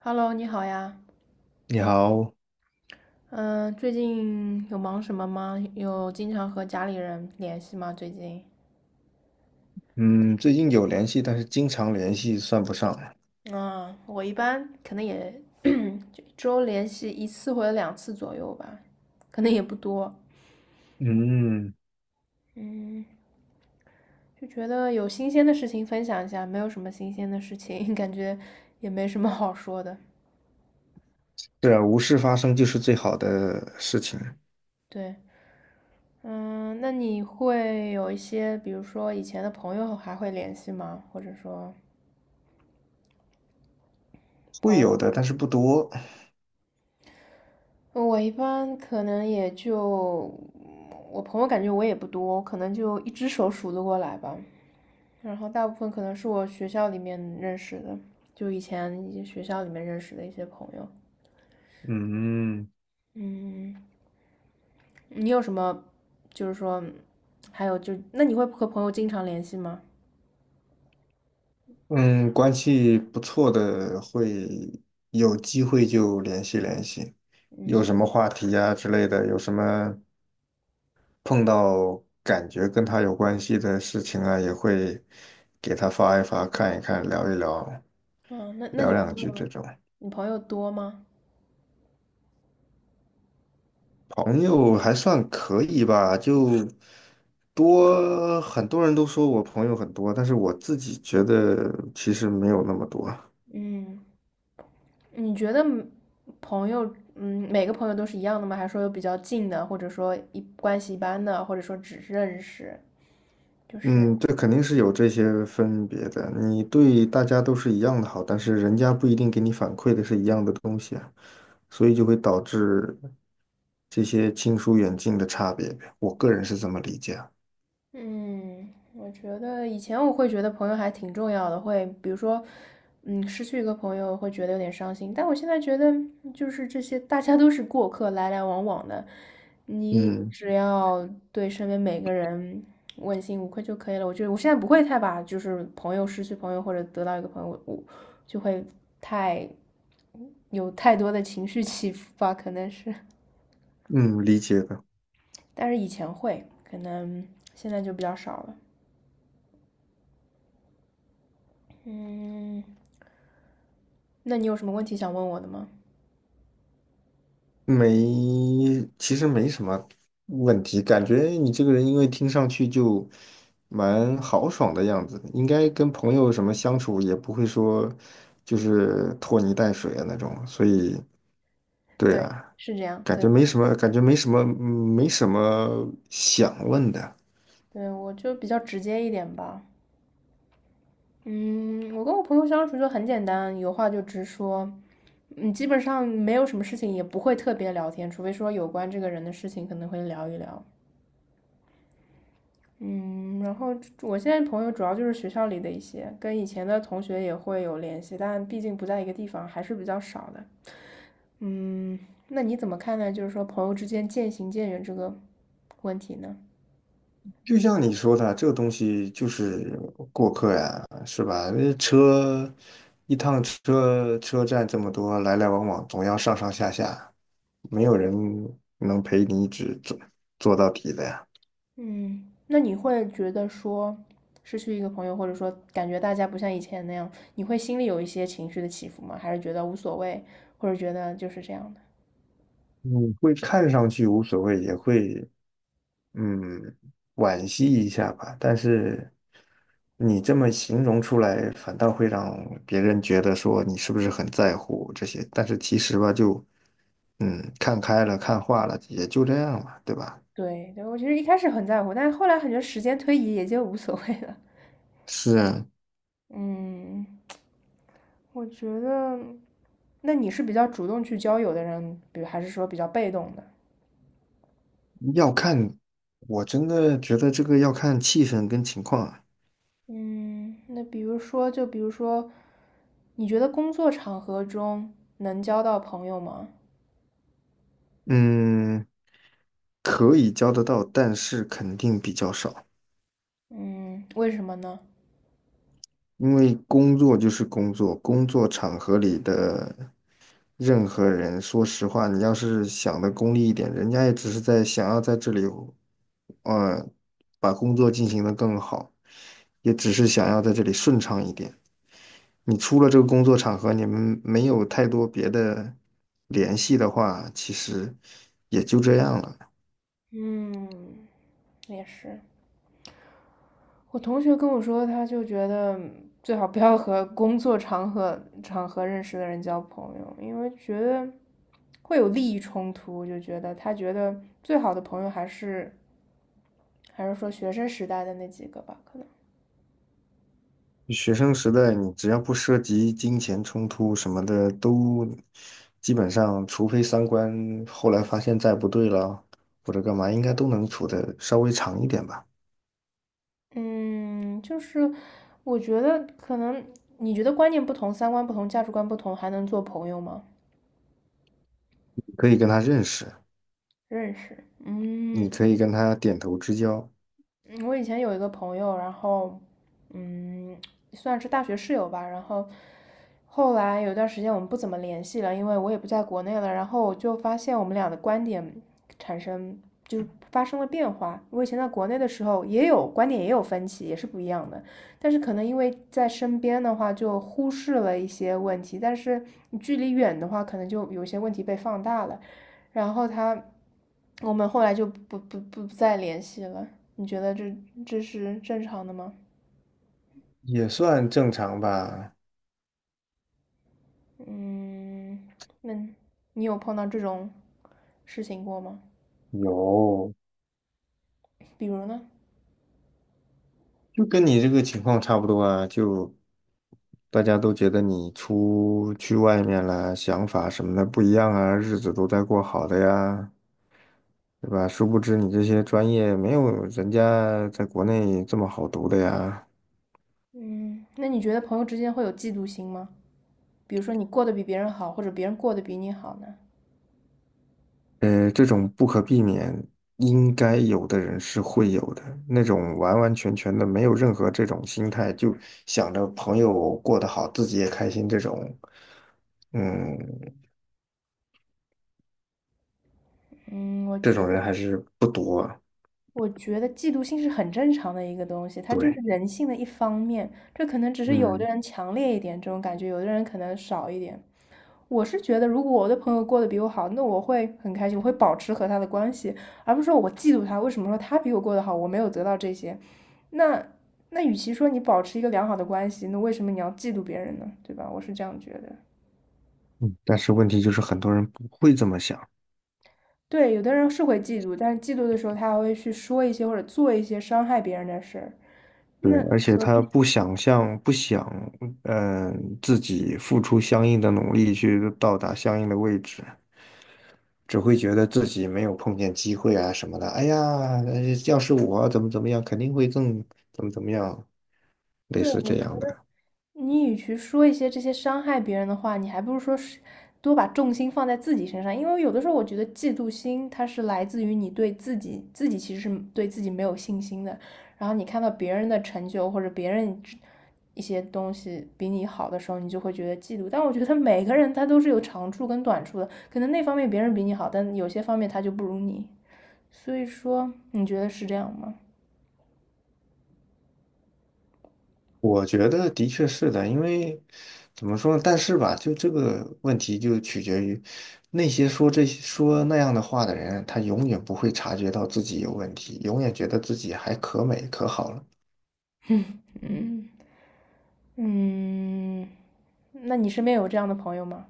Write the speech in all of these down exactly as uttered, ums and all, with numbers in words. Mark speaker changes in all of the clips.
Speaker 1: Hello，你好呀。
Speaker 2: 你好，
Speaker 1: 嗯，最近有忙什么吗？有经常和家里人联系吗？最近？
Speaker 2: 嗯，最近有联系，但是经常联系算不上。
Speaker 1: 嗯，我一般可能也 就一周联系一次或者两次左右吧，可能也不多。
Speaker 2: 嗯，
Speaker 1: 嗯，就觉得有新鲜的事情分享一下，没有什么新鲜的事情，感觉也没什么好说的。
Speaker 2: 对啊，无事发生就是最好的事情，
Speaker 1: 对，嗯，那你会有一些，比如说以前的朋友还会联系吗？或者说朋
Speaker 2: 会
Speaker 1: 友？
Speaker 2: 有的，但是不多。
Speaker 1: 呃我一般可能也就，我朋友感觉我也不多，可能就一只手数得过来吧。然后大部分可能是我学校里面认识的，就以前一些学校里面认识的一些朋友。
Speaker 2: 嗯
Speaker 1: 嗯，你有什么，就是说，还有就，那你会和朋友经常联系吗？
Speaker 2: 嗯，关系不错的会有机会就联系联系，有
Speaker 1: 嗯，
Speaker 2: 什么话题啊之类的，有什么碰到感觉跟他有关系的事情啊，也会给他发一发，看一看，聊一聊，
Speaker 1: 哦，那那
Speaker 2: 聊
Speaker 1: 你朋
Speaker 2: 两句这
Speaker 1: 友，
Speaker 2: 种。
Speaker 1: 你朋友多吗？
Speaker 2: 朋友还算可以吧，就多，很多人都说我朋友很多，但是我自己觉得其实没有那么多。
Speaker 1: 嗯。你觉得嗯朋友，嗯，每个朋友都是一样的吗？还是说有比较近的，或者说一关系一般的，或者说只认识，就是
Speaker 2: 嗯，这肯定是有这些分别的。你对大家都是一样的好，但是人家不一定给你反馈的是一样的东西啊，所以就会导致这些亲疏远近的差别呗。我个人是这么理解啊。
Speaker 1: 嗯，我觉得以前我会觉得朋友还挺重要的，会比如说，嗯，失去一个朋友会觉得有点伤心，但我现在觉得就是这些大家都是过客，来来往往的，你
Speaker 2: 嗯
Speaker 1: 只要对身边每个人问心无愧就可以了。我觉得我现在不会太把就是朋友失去朋友或者得到一个朋友，我就会太有太多的情绪起伏吧，可能是，
Speaker 2: 嗯，理解的。
Speaker 1: 但是以前会，可能现在就比较少了。嗯。那你有什么问题想问我的吗？
Speaker 2: 没，其实没什么问题，感觉你这个人因为听上去就蛮豪爽的样子，应该跟朋友什么相处也不会说就是拖泥带水的那种，所以对
Speaker 1: 对，
Speaker 2: 啊，
Speaker 1: 是这样。
Speaker 2: 感
Speaker 1: 对，
Speaker 2: 觉
Speaker 1: 我
Speaker 2: 没
Speaker 1: 就
Speaker 2: 什么，感觉没什么，嗯没什么想问的。
Speaker 1: 对我就比较直接一点吧。嗯，我跟我朋友相处就很简单，有话就直说。嗯，基本上没有什么事情，也不会特别聊天，除非说有关这个人的事情可能会聊一聊。嗯，然后我现在朋友主要就是学校里的一些，跟以前的同学也会有联系，但毕竟不在一个地方，还是比较少的。嗯，那你怎么看待就是说朋友之间渐行渐远这个问题呢？
Speaker 2: 就像你说的，这个东西就是过客呀，是吧？那车一趟车车站这么多，来来往往，总要上上下下，没有人能陪你一直坐做到底的呀。
Speaker 1: 嗯，那你会觉得说失去一个朋友，或者说感觉大家不像以前那样，你会心里有一些情绪的起伏吗？还是觉得无所谓，或者觉得就是这样的？
Speaker 2: 你会看上去无所谓，也会嗯惋惜一下吧，但是你这么形容出来，反倒会让别人觉得说你是不是很在乎这些，但是其实吧，就。嗯，看开了，看化了，也就这样了，对吧？
Speaker 1: 对对，我其实一开始很在乎，但是后来感觉时间推移也就无所谓了。
Speaker 2: 是，
Speaker 1: 嗯 我觉得，那你是比较主动去交友的人，比如还是说比较被动的？
Speaker 2: 要看，我真的觉得这个要看气氛跟情况啊。
Speaker 1: 嗯，那比如说，就比如说，你觉得工作场合中能交到朋友吗？
Speaker 2: 嗯，可以交得到，但是肯定比较少，
Speaker 1: 嗯，为什么呢？
Speaker 2: 因为工作就是工作，工作场合里的任何人，说实话，你要是想的功利一点，人家也只是在想要在这里，呃，把工作进行的更好，也只是想要在这里顺畅一点。你出了这个工作场合，你们没有太多别的联系的话，其实也就这样了。
Speaker 1: 嗯，也是。我同学跟我说，他就觉得最好不要和工作场合场合认识的人交朋友，因为觉得会有利益冲突，就觉得他觉得最好的朋友还是还是说学生时代的那几个吧，可能。
Speaker 2: 学生时代，你只要不涉及金钱冲突什么的，都基本上，除非三观后来发现再不对了，或者干嘛，应该都能处得稍微长一点吧。
Speaker 1: 嗯，就是我觉得可能你觉得观念不同、三观不同、价值观不同，还能做朋友吗？
Speaker 2: 可以跟他认识，
Speaker 1: 认识，嗯，
Speaker 2: 你可以跟他点头之交，
Speaker 1: 嗯，我以前有一个朋友，然后，嗯，算是大学室友吧。然后后来有段时间我们不怎么联系了，因为我也不在国内了。然后我就发现我们俩的观点产生就是发生了变化。我以前在国内的时候也有观点也有分歧，也是不一样的。但是可能因为在身边的话就忽视了一些问题，但是你距离远的话，可能就有些问题被放大了。然后他。我们后来就不不不再联系了。你觉得这这是正常的吗？
Speaker 2: 也算正常吧。
Speaker 1: 嗯，那你有碰到这种事情过吗？
Speaker 2: 有，
Speaker 1: 比如呢？
Speaker 2: 就跟你这个情况差不多啊，就大家都觉得你出去外面了，想法什么的不一样啊，日子都在过好的呀，对吧？殊不知你这些专业没有人家在国内这么好读的呀。
Speaker 1: 嗯，那你觉得朋友之间会有嫉妒心吗？比如说你过得比别人好，或者别人过得比你好呢？
Speaker 2: 呃，这种不可避免，应该有的人是会有的，那种完完全全的没有任何这种心态，就想着朋友过得好，自己也开心，这种，嗯，
Speaker 1: 嗯，我
Speaker 2: 这
Speaker 1: 觉
Speaker 2: 种
Speaker 1: 得，
Speaker 2: 人还是不多啊
Speaker 1: 我觉得嫉妒心是很正常的一个东西，它就是
Speaker 2: 对。
Speaker 1: 人性的一方面。这可能只是有的
Speaker 2: 嗯。
Speaker 1: 人强烈一点这种感觉，有的人可能少一点。我是觉得，如果我的朋友过得比我好，那我会很开心，我会保持和他的关系，而不是说我嫉妒他。为什么说他比我过得好，我没有得到这些？那那与其说你保持一个良好的关系，那为什么你要嫉妒别人呢？对吧？我是这样觉得。
Speaker 2: 嗯，但是问题就是很多人不会这么想，
Speaker 1: 对，有的人是会嫉妒，但是嫉妒的时候，他还会去说一些或者做一些伤害别人的事儿。
Speaker 2: 对，
Speaker 1: 那
Speaker 2: 而且
Speaker 1: 何
Speaker 2: 他
Speaker 1: 必？
Speaker 2: 不想象，不想，嗯、自己付出相应的努力去到达相应的位置，只会觉得自己没有碰见机会啊什么的。哎呀，呃要是我怎么怎么样，肯定会更怎么怎么样，类
Speaker 1: 对，
Speaker 2: 似
Speaker 1: 我
Speaker 2: 这样的。
Speaker 1: 你与其说一些这些伤害别人的话，你还不如说是多把重心放在自己身上。因为有的时候，我觉得嫉妒心它是来自于你对自己，自己其实是对自己没有信心的。然后你看到别人的成就或者别人一些东西比你好的时候，你就会觉得嫉妒。但我觉得每个人他都是有长处跟短处的，可能那方面别人比你好，但有些方面他就不如你。所以说，你觉得是这样吗？
Speaker 2: 我觉得的确是的，因为怎么说呢但是吧，就这个问题就取决于那些说这些说那样的话的人，他永远不会察觉到自己有问题，永远觉得自己还可美可好了。
Speaker 1: 嗯嗯，那你身边有这样的朋友吗？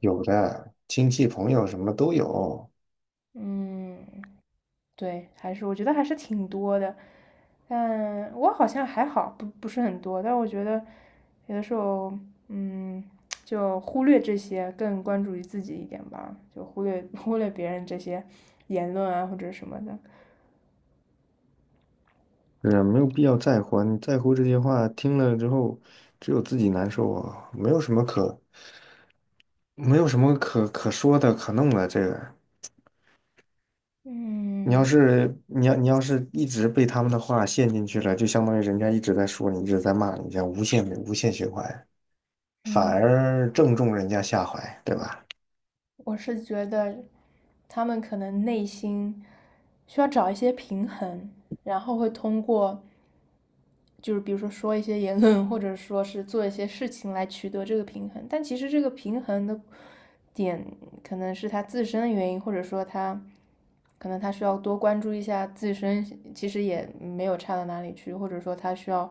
Speaker 2: 有的亲戚朋友什么都有，
Speaker 1: 嗯，对，还是我觉得还是挺多的，但我好像还好，不不是很多，但我觉得有的时候，嗯，就忽略这些，更关注于自己一点吧，就忽略忽略别人这些言论啊或者什么的。
Speaker 2: 是啊没有必要在乎啊你在乎这些话，听了之后只有自己难受啊，没有什么可没有什么可可说的可弄的这个。你要
Speaker 1: 嗯
Speaker 2: 是你要你要是一直被他们的话陷进去了，就相当于人家一直在说你，一直在骂你，这样无限无限循环，反
Speaker 1: 嗯，
Speaker 2: 而正中人家下怀，对吧？
Speaker 1: 我是觉得他们可能内心需要找一些平衡，然后会通过。就是比如说说一些言论，或者说是做一些事情来取得这个平衡。但其实这个平衡的点可能是他自身的原因，或者说他可能他需要多关注一下自身，其实也没有差到哪里去，或者说他需要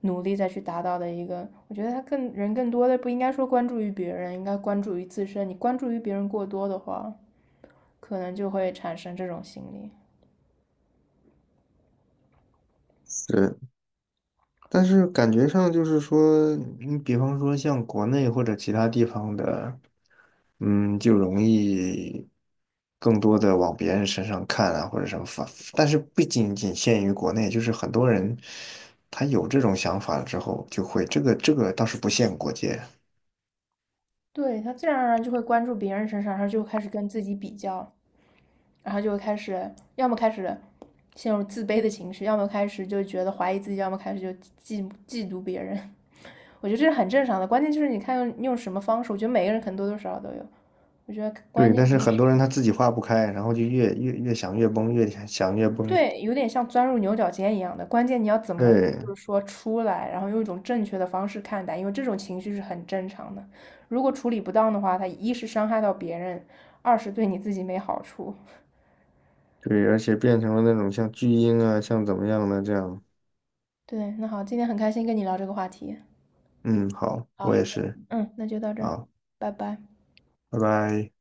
Speaker 1: 努力再去达到的一个。我觉得他更人更多的不应该说关注于别人，应该关注于自身。你关注于别人过多的话，可能就会产生这种心理。
Speaker 2: 是，但是感觉上就是说，你比方说像国内或者其他地方的，嗯，就容易更多的往别人身上看啊，或者什么反，但是不仅仅限于国内，就是很多人他有这种想法了之后，就会这个这个倒是不限国界。
Speaker 1: 对，他自然而然就会关注别人身上，他就开始跟自己比较。然后就会开始，要么开始陷入自卑的情绪，要么开始就觉得怀疑自己，要么开始就嫉嫉妒别人。我觉得这是很正常的，关键就是你看用用什么方式。我觉得每个人可能多多少少都有。我觉得关
Speaker 2: 对，
Speaker 1: 键
Speaker 2: 但
Speaker 1: 你
Speaker 2: 是很多人他自己化不开，然后就越越越想越崩，越想想越崩。
Speaker 1: 对，有点像钻入牛角尖一样的，关键你要怎么
Speaker 2: 对
Speaker 1: 就是说出来，然后用一种正确的方式看待，因为这种情绪是很正常的。如果处理不当的话，它一是伤害到别人，二是对你自己没好处。
Speaker 2: 对，而且变成了那种像巨婴啊，像怎么样的这样。
Speaker 1: 对，那好，今天很开心跟你聊这个话题。
Speaker 2: 嗯，好，我
Speaker 1: 啊，
Speaker 2: 也是。
Speaker 1: 嗯，那就到这儿，
Speaker 2: 好，
Speaker 1: 拜拜。
Speaker 2: 拜拜。